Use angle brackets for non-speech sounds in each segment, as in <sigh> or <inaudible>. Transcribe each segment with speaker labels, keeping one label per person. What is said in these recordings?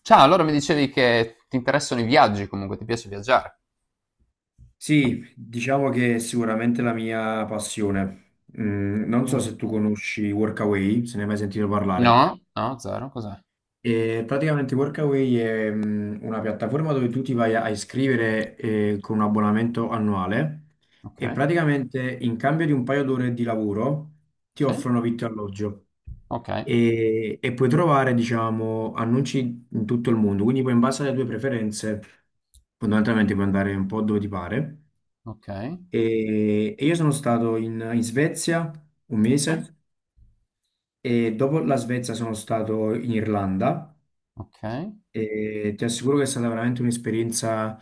Speaker 1: Ciao, allora mi dicevi che ti interessano i viaggi, comunque ti piace viaggiare.
Speaker 2: Sì, diciamo che è sicuramente la mia passione. Mm, non so
Speaker 1: Mm.
Speaker 2: se tu conosci Workaway, se ne hai mai sentito parlare.
Speaker 1: No? No, zero, cos'è?
Speaker 2: E praticamente Workaway è una piattaforma dove tu ti vai a iscrivere con un abbonamento annuale
Speaker 1: Ok,
Speaker 2: e praticamente in cambio di un paio d'ore di lavoro ti
Speaker 1: sì,
Speaker 2: offrono vitto e alloggio
Speaker 1: ok,
Speaker 2: e, puoi trovare, diciamo, annunci in tutto il mondo. Quindi poi in base alle tue preferenze, fondamentalmente puoi andare un po' dove ti pare.
Speaker 1: ok,
Speaker 2: E, io sono stato in Svezia un
Speaker 1: sì. Ok,
Speaker 2: mese e dopo la Svezia sono stato in Irlanda
Speaker 1: ok.
Speaker 2: e ti assicuro che è stata veramente un'esperienza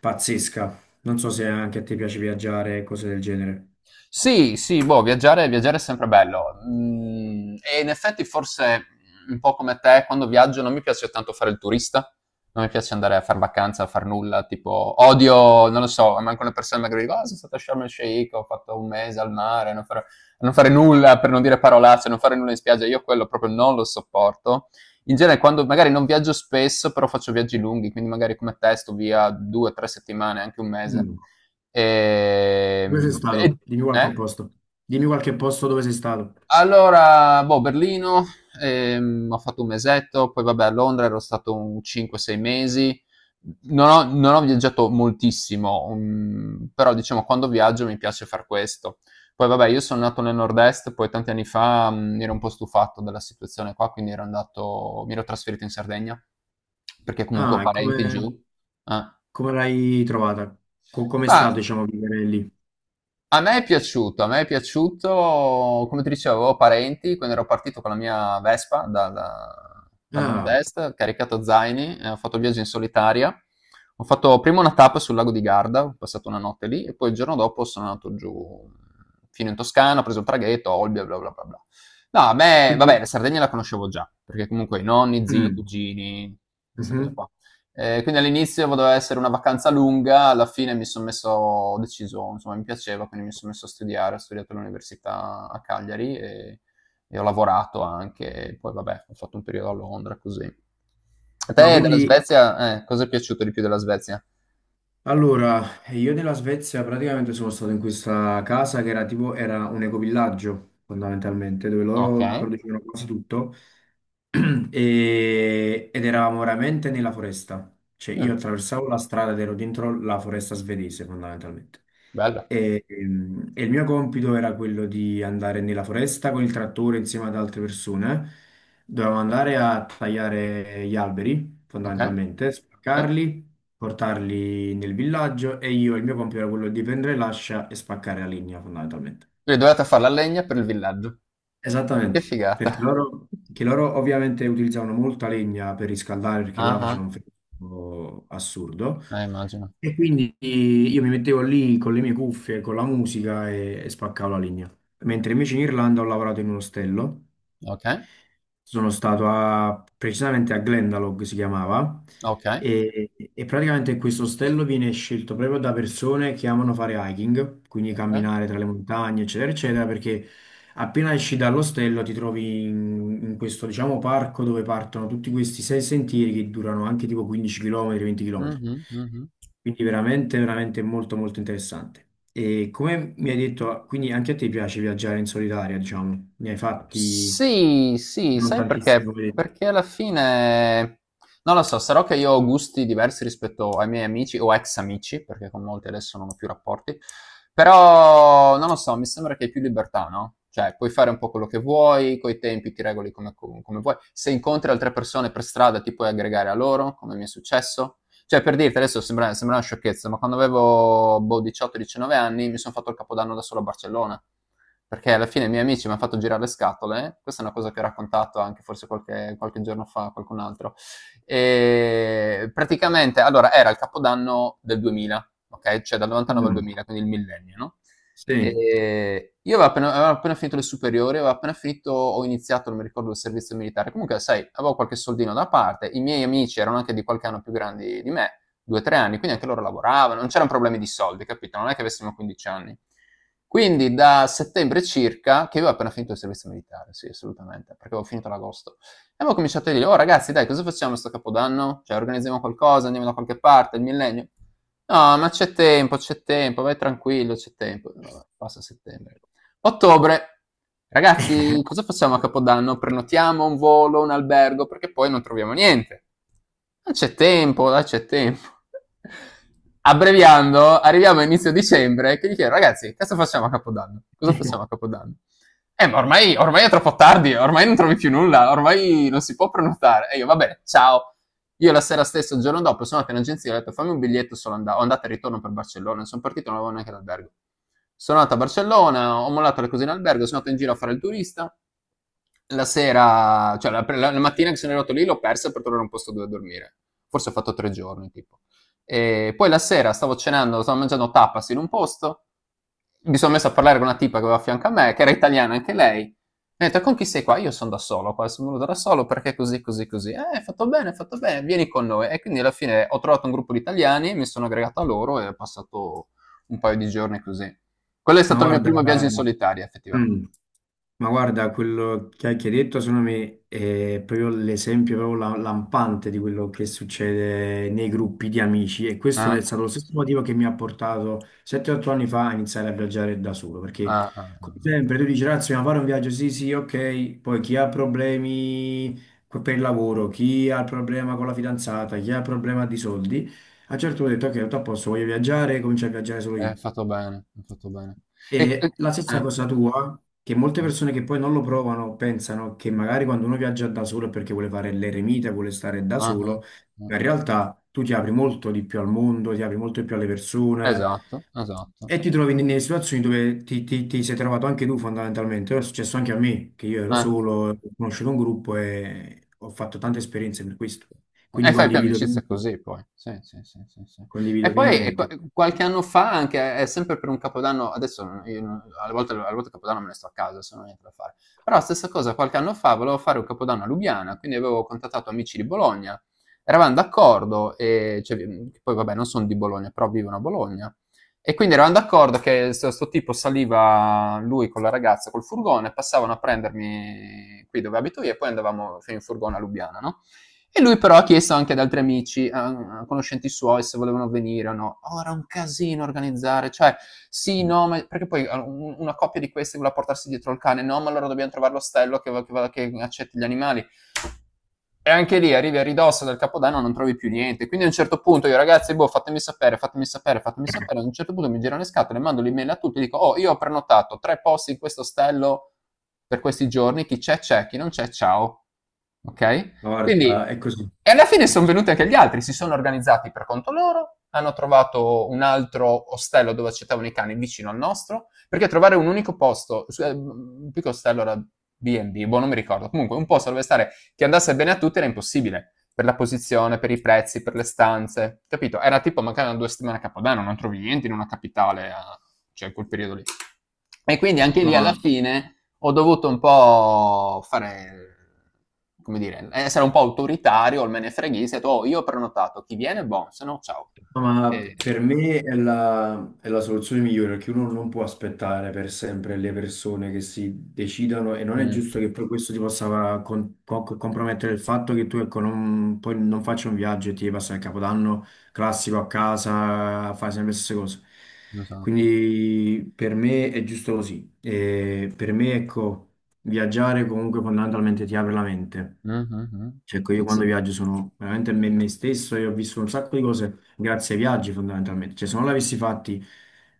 Speaker 2: pazzesca. Non so se anche a te piace viaggiare, cose del genere.
Speaker 1: Sì, sì, boh, viaggiare, viaggiare è sempre bello. E in effetti forse un po' come te, quando viaggio non mi piace tanto fare il turista, non mi piace andare a far vacanza, a far nulla, tipo odio, non lo so, manco le persone magari dicono, ah, sono stato a Sharm el Sheikh, ho fatto un mese al mare, non fare, non fare nulla, per non dire parolacce, non fare nulla in spiaggia, io quello proprio non lo sopporto. In genere, quando magari non viaggio spesso, però faccio viaggi lunghi, quindi magari come te sto via 2, 3 settimane, anche un mese.
Speaker 2: Mm. Dove sei
Speaker 1: Ehm, e-
Speaker 2: stato? Dimmi
Speaker 1: eh?
Speaker 2: qualche posto. Dimmi qualche posto dove sei stato.
Speaker 1: Allora, boh, Berlino, ho fatto un mesetto, poi vabbè a Londra ero stato un 5-6 mesi, non ho viaggiato moltissimo, però diciamo quando viaggio mi piace far questo. Poi vabbè, io sono nato nel nord-est, poi tanti anni fa mi ero un po' stufato della situazione qua, quindi ero andato, mi ero trasferito in Sardegna, perché comunque ho
Speaker 2: Ah, e
Speaker 1: parenti giù.
Speaker 2: come,
Speaker 1: Eh.
Speaker 2: come l'hai trovata? Com'è
Speaker 1: Ma
Speaker 2: stato, diciamo, vivere lì?
Speaker 1: A me è piaciuto, a me è piaciuto, come ti dicevo, avevo parenti, quindi ero partito con la mia Vespa dal,
Speaker 2: Ah,
Speaker 1: nord-est, caricato a zaini, ho fatto il viaggio in solitaria. Ho fatto prima una tappa sul lago di Garda, ho passato una notte lì e poi il giorno dopo sono andato giù fino in Toscana, ho preso il traghetto, Olbia, bla bla bla bla. No, a me, vabbè,
Speaker 2: quindi...
Speaker 1: la Sardegna la conoscevo già, perché comunque i nonni, zii,
Speaker 2: mm,
Speaker 1: cugini, queste cose
Speaker 2: mhm.
Speaker 1: qua. Quindi all'inizio doveva essere una vacanza lunga, alla fine mi son messo ho deciso, insomma mi piaceva, quindi mi son messo a studiare, ho studiato all'università a Cagliari e ho lavorato anche, poi vabbè, ho fatto un periodo a Londra, così. A
Speaker 2: Ma
Speaker 1: te della
Speaker 2: quindi
Speaker 1: Svezia cosa è piaciuto di più della Svezia?
Speaker 2: Allora, io nella Svezia praticamente sono stato in questa casa che era tipo, era un ecovillaggio fondamentalmente, dove loro
Speaker 1: Okay.
Speaker 2: producevano quasi tutto <clears throat> ed eravamo veramente nella foresta. Cioè
Speaker 1: Mh,
Speaker 2: io attraversavo la strada ed ero dentro la foresta svedese fondamentalmente.
Speaker 1: bella.
Speaker 2: E, il mio compito era quello di andare nella foresta con il trattore insieme ad altre persone. Dovevamo andare a tagliare gli alberi
Speaker 1: Okay,
Speaker 2: fondamentalmente,
Speaker 1: sì.
Speaker 2: spaccarli, portarli nel villaggio e io il mio compito era quello di prendere l'ascia e spaccare la linea fondamentalmente.
Speaker 1: Quindi dovevate far la legna per il villaggio. Che
Speaker 2: Esattamente, perché
Speaker 1: figata.
Speaker 2: loro ovviamente utilizzavano molta legna per riscaldare perché là
Speaker 1: Ah-ah.
Speaker 2: faceva un freddo assurdo
Speaker 1: Immagino.
Speaker 2: e quindi io mi mettevo lì con le mie cuffie, con la musica e, spaccavo la legna. Mentre invece in Irlanda ho lavorato in un ostello,
Speaker 1: Okay,
Speaker 2: sono stato precisamente a Glendalough si chiamava. Mm.
Speaker 1: okay,
Speaker 2: E, praticamente questo ostello viene scelto proprio da persone che amano fare hiking, quindi
Speaker 1: okay.
Speaker 2: camminare tra le montagne, eccetera, eccetera, perché appena esci dall'ostello ti trovi in questo, diciamo, parco dove partono tutti questi sei sentieri che durano anche tipo 15 km, 20 km.
Speaker 1: Mh-mh, mh-mh.
Speaker 2: Quindi veramente, veramente molto, molto interessante. E come mi hai detto, quindi anche a te piace viaggiare in solitaria, diciamo, ne hai fatti...
Speaker 1: Sì, sì,
Speaker 2: Non
Speaker 1: sai
Speaker 2: tantissimi,
Speaker 1: perché?
Speaker 2: come hai detto.
Speaker 1: Perché alla fine, non lo so, sarò che io ho gusti diversi rispetto ai miei amici o ex amici, perché con molti adesso non ho più rapporti, però non lo so, mi sembra che hai più libertà, no? Cioè, puoi fare un po' quello che vuoi, coi tempi ti regoli come vuoi. Se incontri altre persone per strada ti puoi aggregare a loro, come mi è successo. Cioè, per dirti, adesso sembra una sciocchezza, ma quando avevo boh, 18-19 anni mi sono fatto il capodanno da solo a Barcellona. Perché alla fine i miei amici mi hanno fatto girare le scatole. Questa è una cosa che ho raccontato anche forse qualche giorno fa a qualcun altro. E praticamente, allora, era il capodanno del 2000, ok? Cioè dal 99 al
Speaker 2: Mm,
Speaker 1: 2000, quindi il millennio, no?
Speaker 2: sì,
Speaker 1: E io avevo appena finito le superiori, avevo appena finito ho iniziato, non mi ricordo, il servizio militare. Comunque, sai, avevo qualche soldino da parte, i miei amici erano anche di qualche anno più grandi di me, 2, 3 anni, quindi anche loro lavoravano, non c'erano problemi di soldi, capito? Non è che avessimo 15 anni. Quindi da settembre circa, che io avevo appena finito il servizio militare, sì, assolutamente, perché avevo finito ad agosto. E avevo cominciato a dire, oh ragazzi, dai, cosa facciamo sto capodanno? Cioè, organizziamo qualcosa, andiamo da qualche parte, il millennio. No, ma c'è tempo, vai tranquillo, c'è tempo. Vabbè, passa settembre. Ottobre. Ragazzi, cosa facciamo a Capodanno? Prenotiamo un volo, un albergo, perché poi non troviamo niente. Non c'è tempo, dai, c'è tempo. Abbreviando, arriviamo a inizio dicembre che gli chiedo, ragazzi, cosa facciamo a Capodanno? Cosa facciamo a Capodanno? Ma ormai, ormai è troppo tardi, ormai non trovi più nulla, ormai non si può prenotare. E io, va bene, ciao. Io la sera stessa, il giorno dopo, sono andato in agenzia e ho detto fammi un biglietto solo andata, andata e ritorno per Barcellona. Non Sono partito, non avevo neanche l'albergo. Sono andato a Barcellona, ho mollato le cose in albergo, sono andato in giro a fare il turista. La sera, cioè la mattina che sono arrivato lì l'ho persa per trovare un posto dove dormire. Forse ho fatto 3 giorni, tipo. E poi la sera stavo cenando, stavo mangiando tapas in un posto mi sono messo a parlare con una tipa che aveva a fianco a me, che era italiana anche lei. Mi ha detto, con chi sei qua? Io sono da solo qua, sono venuto da solo perché così, così, così. Hai fatto bene, vieni con noi. E quindi alla fine ho trovato un gruppo di italiani, mi sono aggregato a loro e ho passato un paio di giorni così. Quello è
Speaker 2: ma
Speaker 1: stato il mio
Speaker 2: guarda,
Speaker 1: primo viaggio in solitaria, effettivamente.
Speaker 2: mm, ma guarda, quello che hai detto secondo me è proprio l'esempio, proprio lampante di quello che succede nei gruppi di amici, e questo è
Speaker 1: Ah,
Speaker 2: stato lo stesso motivo che mi ha portato 7-8 anni fa a iniziare a viaggiare da solo, perché
Speaker 1: ah, ah, ah.
Speaker 2: come sempre tu dici, ragazzi, ma fare un viaggio, sì, sì, ok, poi chi ha problemi per il lavoro, chi ha il problema con la fidanzata, chi ha il problema di soldi, a un certo punto ho detto, ok, tutto a posto, voglio viaggiare, comincio a viaggiare solo
Speaker 1: Eh, hai
Speaker 2: io.
Speaker 1: fatto bene, hai fatto bene. E, e-
Speaker 2: E la stessa
Speaker 1: eh,
Speaker 2: cosa tua, che molte
Speaker 1: eh,
Speaker 2: persone che poi non lo provano pensano che magari quando uno viaggia da solo è perché vuole fare l'eremita, vuole stare da
Speaker 1: ah, ah,
Speaker 2: solo,
Speaker 1: ah,
Speaker 2: ma in
Speaker 1: ah.
Speaker 2: realtà tu ti apri molto di più al mondo, ti apri molto di più alle persone
Speaker 1: Esatto, esatto.
Speaker 2: e ti trovi nelle situazioni dove ti sei trovato anche tu fondamentalmente. È successo anche a me, che io ero
Speaker 1: Eh.
Speaker 2: solo, ho conosciuto un gruppo e ho fatto tante esperienze per questo.
Speaker 1: E
Speaker 2: Quindi
Speaker 1: fai più amicizia così poi. Sì, sì, sì, sì, sì. E
Speaker 2: condivido
Speaker 1: poi
Speaker 2: pienamente.
Speaker 1: qualche anno fa anche, è sempre per un capodanno, adesso non- io non- alle volte, il capodanno me ne sto a casa, se non ho niente da fare. Però stessa cosa, qualche anno fa volevo fare un capodanno a Lubiana, quindi avevo contattato amici di Bologna, eravamo d'accordo, e, cioè, che poi vabbè non sono di Bologna, però vivono a Bologna. E quindi eravamo d'accordo che questo tipo saliva lui con la ragazza col furgone, passavano a prendermi qui dove abito io e poi andavamo fino in furgone a Lubiana, no? E lui però ha chiesto anche ad altri amici, a conoscenti suoi, se volevano venire o no. Oh, era un casino organizzare, cioè, sì, no, ma perché poi una coppia di questi voleva portarsi dietro il cane, no, ma allora dobbiamo trovare l'ostello che accetti gli animali. E anche lì arrivi a ridosso del capodanno non trovi più niente. Quindi a un certo punto io, ragazzi, boh, fatemi sapere, fatemi sapere, fatemi sapere. Ad un certo punto mi girano le scatole, mando l'email a tutti, dico, oh, io ho prenotato tre posti in questo ostello per questi giorni, chi c'è c'è, chi non c'è ciao. Ok?
Speaker 2: Ma guarda,
Speaker 1: Quindi,
Speaker 2: è così,
Speaker 1: e alla fine
Speaker 2: è
Speaker 1: sono
Speaker 2: così.
Speaker 1: venuti anche gli altri, si sono organizzati per conto loro, hanno trovato un altro ostello dove accettavano i cani vicino al nostro, perché trovare un unico posto, un piccolo ostello era B&B, boh, non mi ricordo, comunque un posto dove stare che andasse bene a tutti era impossibile, per la posizione, per i prezzi, per le stanze, capito? Era tipo mancavano 2 settimane a Capodanno, non trovi niente in una capitale, cioè in quel periodo lì. E quindi anche
Speaker 2: No,
Speaker 1: lì alla
Speaker 2: ma
Speaker 1: fine ho dovuto un po' fare, come dire, essere un po' autoritario, il me ne freghista, ho detto, "Oh, io ho prenotato, chi viene, buon, se no ciao.
Speaker 2: No, ma
Speaker 1: E...
Speaker 2: per me è la soluzione migliore, perché uno non può aspettare per sempre le persone che si decidano e non è
Speaker 1: Mm,
Speaker 2: giusto che poi questo ti possa compromettere il fatto che tu, ecco, non, poi non faccia un viaggio e ti passa il Capodanno classico a casa, fai sempre le stesse cose.
Speaker 1: esatto.
Speaker 2: Quindi per me è giusto così. E per me, ecco, viaggiare comunque fondamentalmente ti apre la mente.
Speaker 1: Mhm, mhm.
Speaker 2: Cioè, ecco, io quando
Speaker 1: Sì.
Speaker 2: viaggio sono veramente me stesso e ho visto un sacco di cose grazie ai viaggi fondamentalmente. Cioè, se non l'avessi fatti,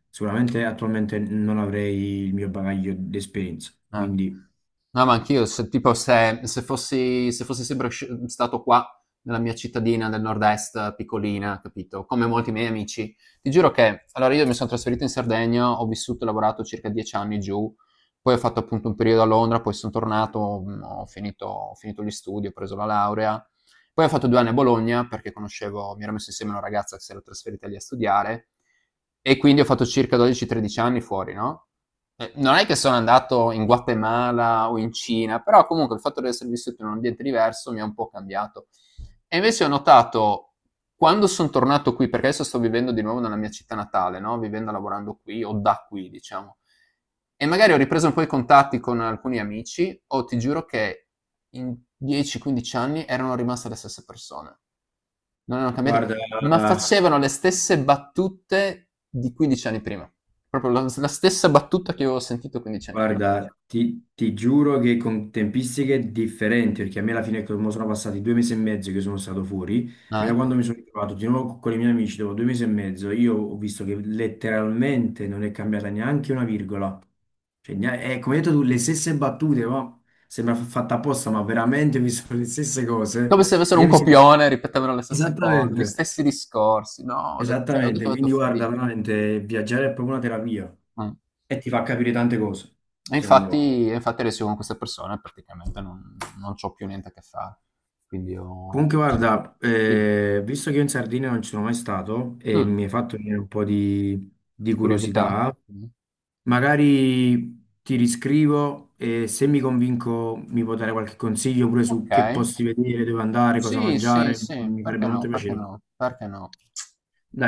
Speaker 2: sicuramente attualmente non avrei il mio bagaglio di esperienza.
Speaker 1: Eh.
Speaker 2: Quindi,
Speaker 1: No, ma anch'io, se, tipo, se fossi sempre stato qua, nella mia cittadina del nord-est, piccolina, capito? Come molti miei amici. Ti giuro che, allora, io mi sono trasferito in Sardegna, ho vissuto e lavorato circa 10 anni giù, poi ho fatto appunto un periodo a Londra, poi sono tornato, ho finito gli studi, ho preso la laurea, poi ho fatto 2 anni a Bologna perché conoscevo, mi ero messo insieme a una ragazza che si era trasferita lì a studiare, e quindi ho fatto circa 12-13 anni fuori, no? Non è che sono andato in Guatemala o in Cina, però comunque il fatto di essere vissuto in un ambiente diverso mi ha un po' cambiato. E invece ho notato quando sono tornato qui, perché adesso sto vivendo di nuovo nella mia città natale, no? Vivendo e lavorando qui o da qui, diciamo. E magari ho ripreso un po' i contatti con alcuni amici, o ti giuro che in 10-15 anni erano rimaste le stesse persone non erano cambiati,
Speaker 2: guarda,
Speaker 1: ma facevano le stesse battute di 15 anni prima. Proprio la stessa battuta che io avevo sentito 15 anni prima.
Speaker 2: Guarda, ti ti giuro che con tempistiche differenti, perché a me alla fine come sono passati due mesi e mezzo che sono stato fuori, ma da
Speaker 1: Ah, eh?
Speaker 2: quando mi sono ritrovato di nuovo con i miei amici dopo due mesi e mezzo, io ho visto che letteralmente non è cambiata neanche una virgola. Cioè, come hai detto tu, le stesse battute, ma sembra fatta apposta, ma veramente mi sono le stesse cose.
Speaker 1: Come se
Speaker 2: E
Speaker 1: avessero
Speaker 2: io
Speaker 1: un
Speaker 2: mi sento...
Speaker 1: copione, ripetevano le stesse cose, gli
Speaker 2: Esattamente,
Speaker 1: stessi discorsi. No, ho detto, cioè,
Speaker 2: esattamente.
Speaker 1: ho detto
Speaker 2: Quindi
Speaker 1: follia.
Speaker 2: guarda, veramente viaggiare è proprio una terapia
Speaker 1: Mm.
Speaker 2: e ti fa capire tante cose,
Speaker 1: E
Speaker 2: secondo me.
Speaker 1: infatti, e infatti adesso io con queste persone praticamente non c'ho più niente a che fare.
Speaker 2: Comunque,
Speaker 1: Sì.
Speaker 2: guarda,
Speaker 1: Sì.
Speaker 2: visto che io in Sardegna non ci sono mai stato e
Speaker 1: Mm,
Speaker 2: mi hai fatto venire un po' di
Speaker 1: di curiosità?
Speaker 2: curiosità,
Speaker 1: Mm.
Speaker 2: magari ti riscrivo e se mi convinco mi puoi dare qualche consiglio pure su
Speaker 1: Ok.
Speaker 2: che posti vedere, dove andare, cosa
Speaker 1: Sì, sì,
Speaker 2: mangiare,
Speaker 1: sì.
Speaker 2: mi farebbe
Speaker 1: Perché no?
Speaker 2: molto
Speaker 1: Perché
Speaker 2: piacere.
Speaker 1: no? Perché no?
Speaker 2: Dai.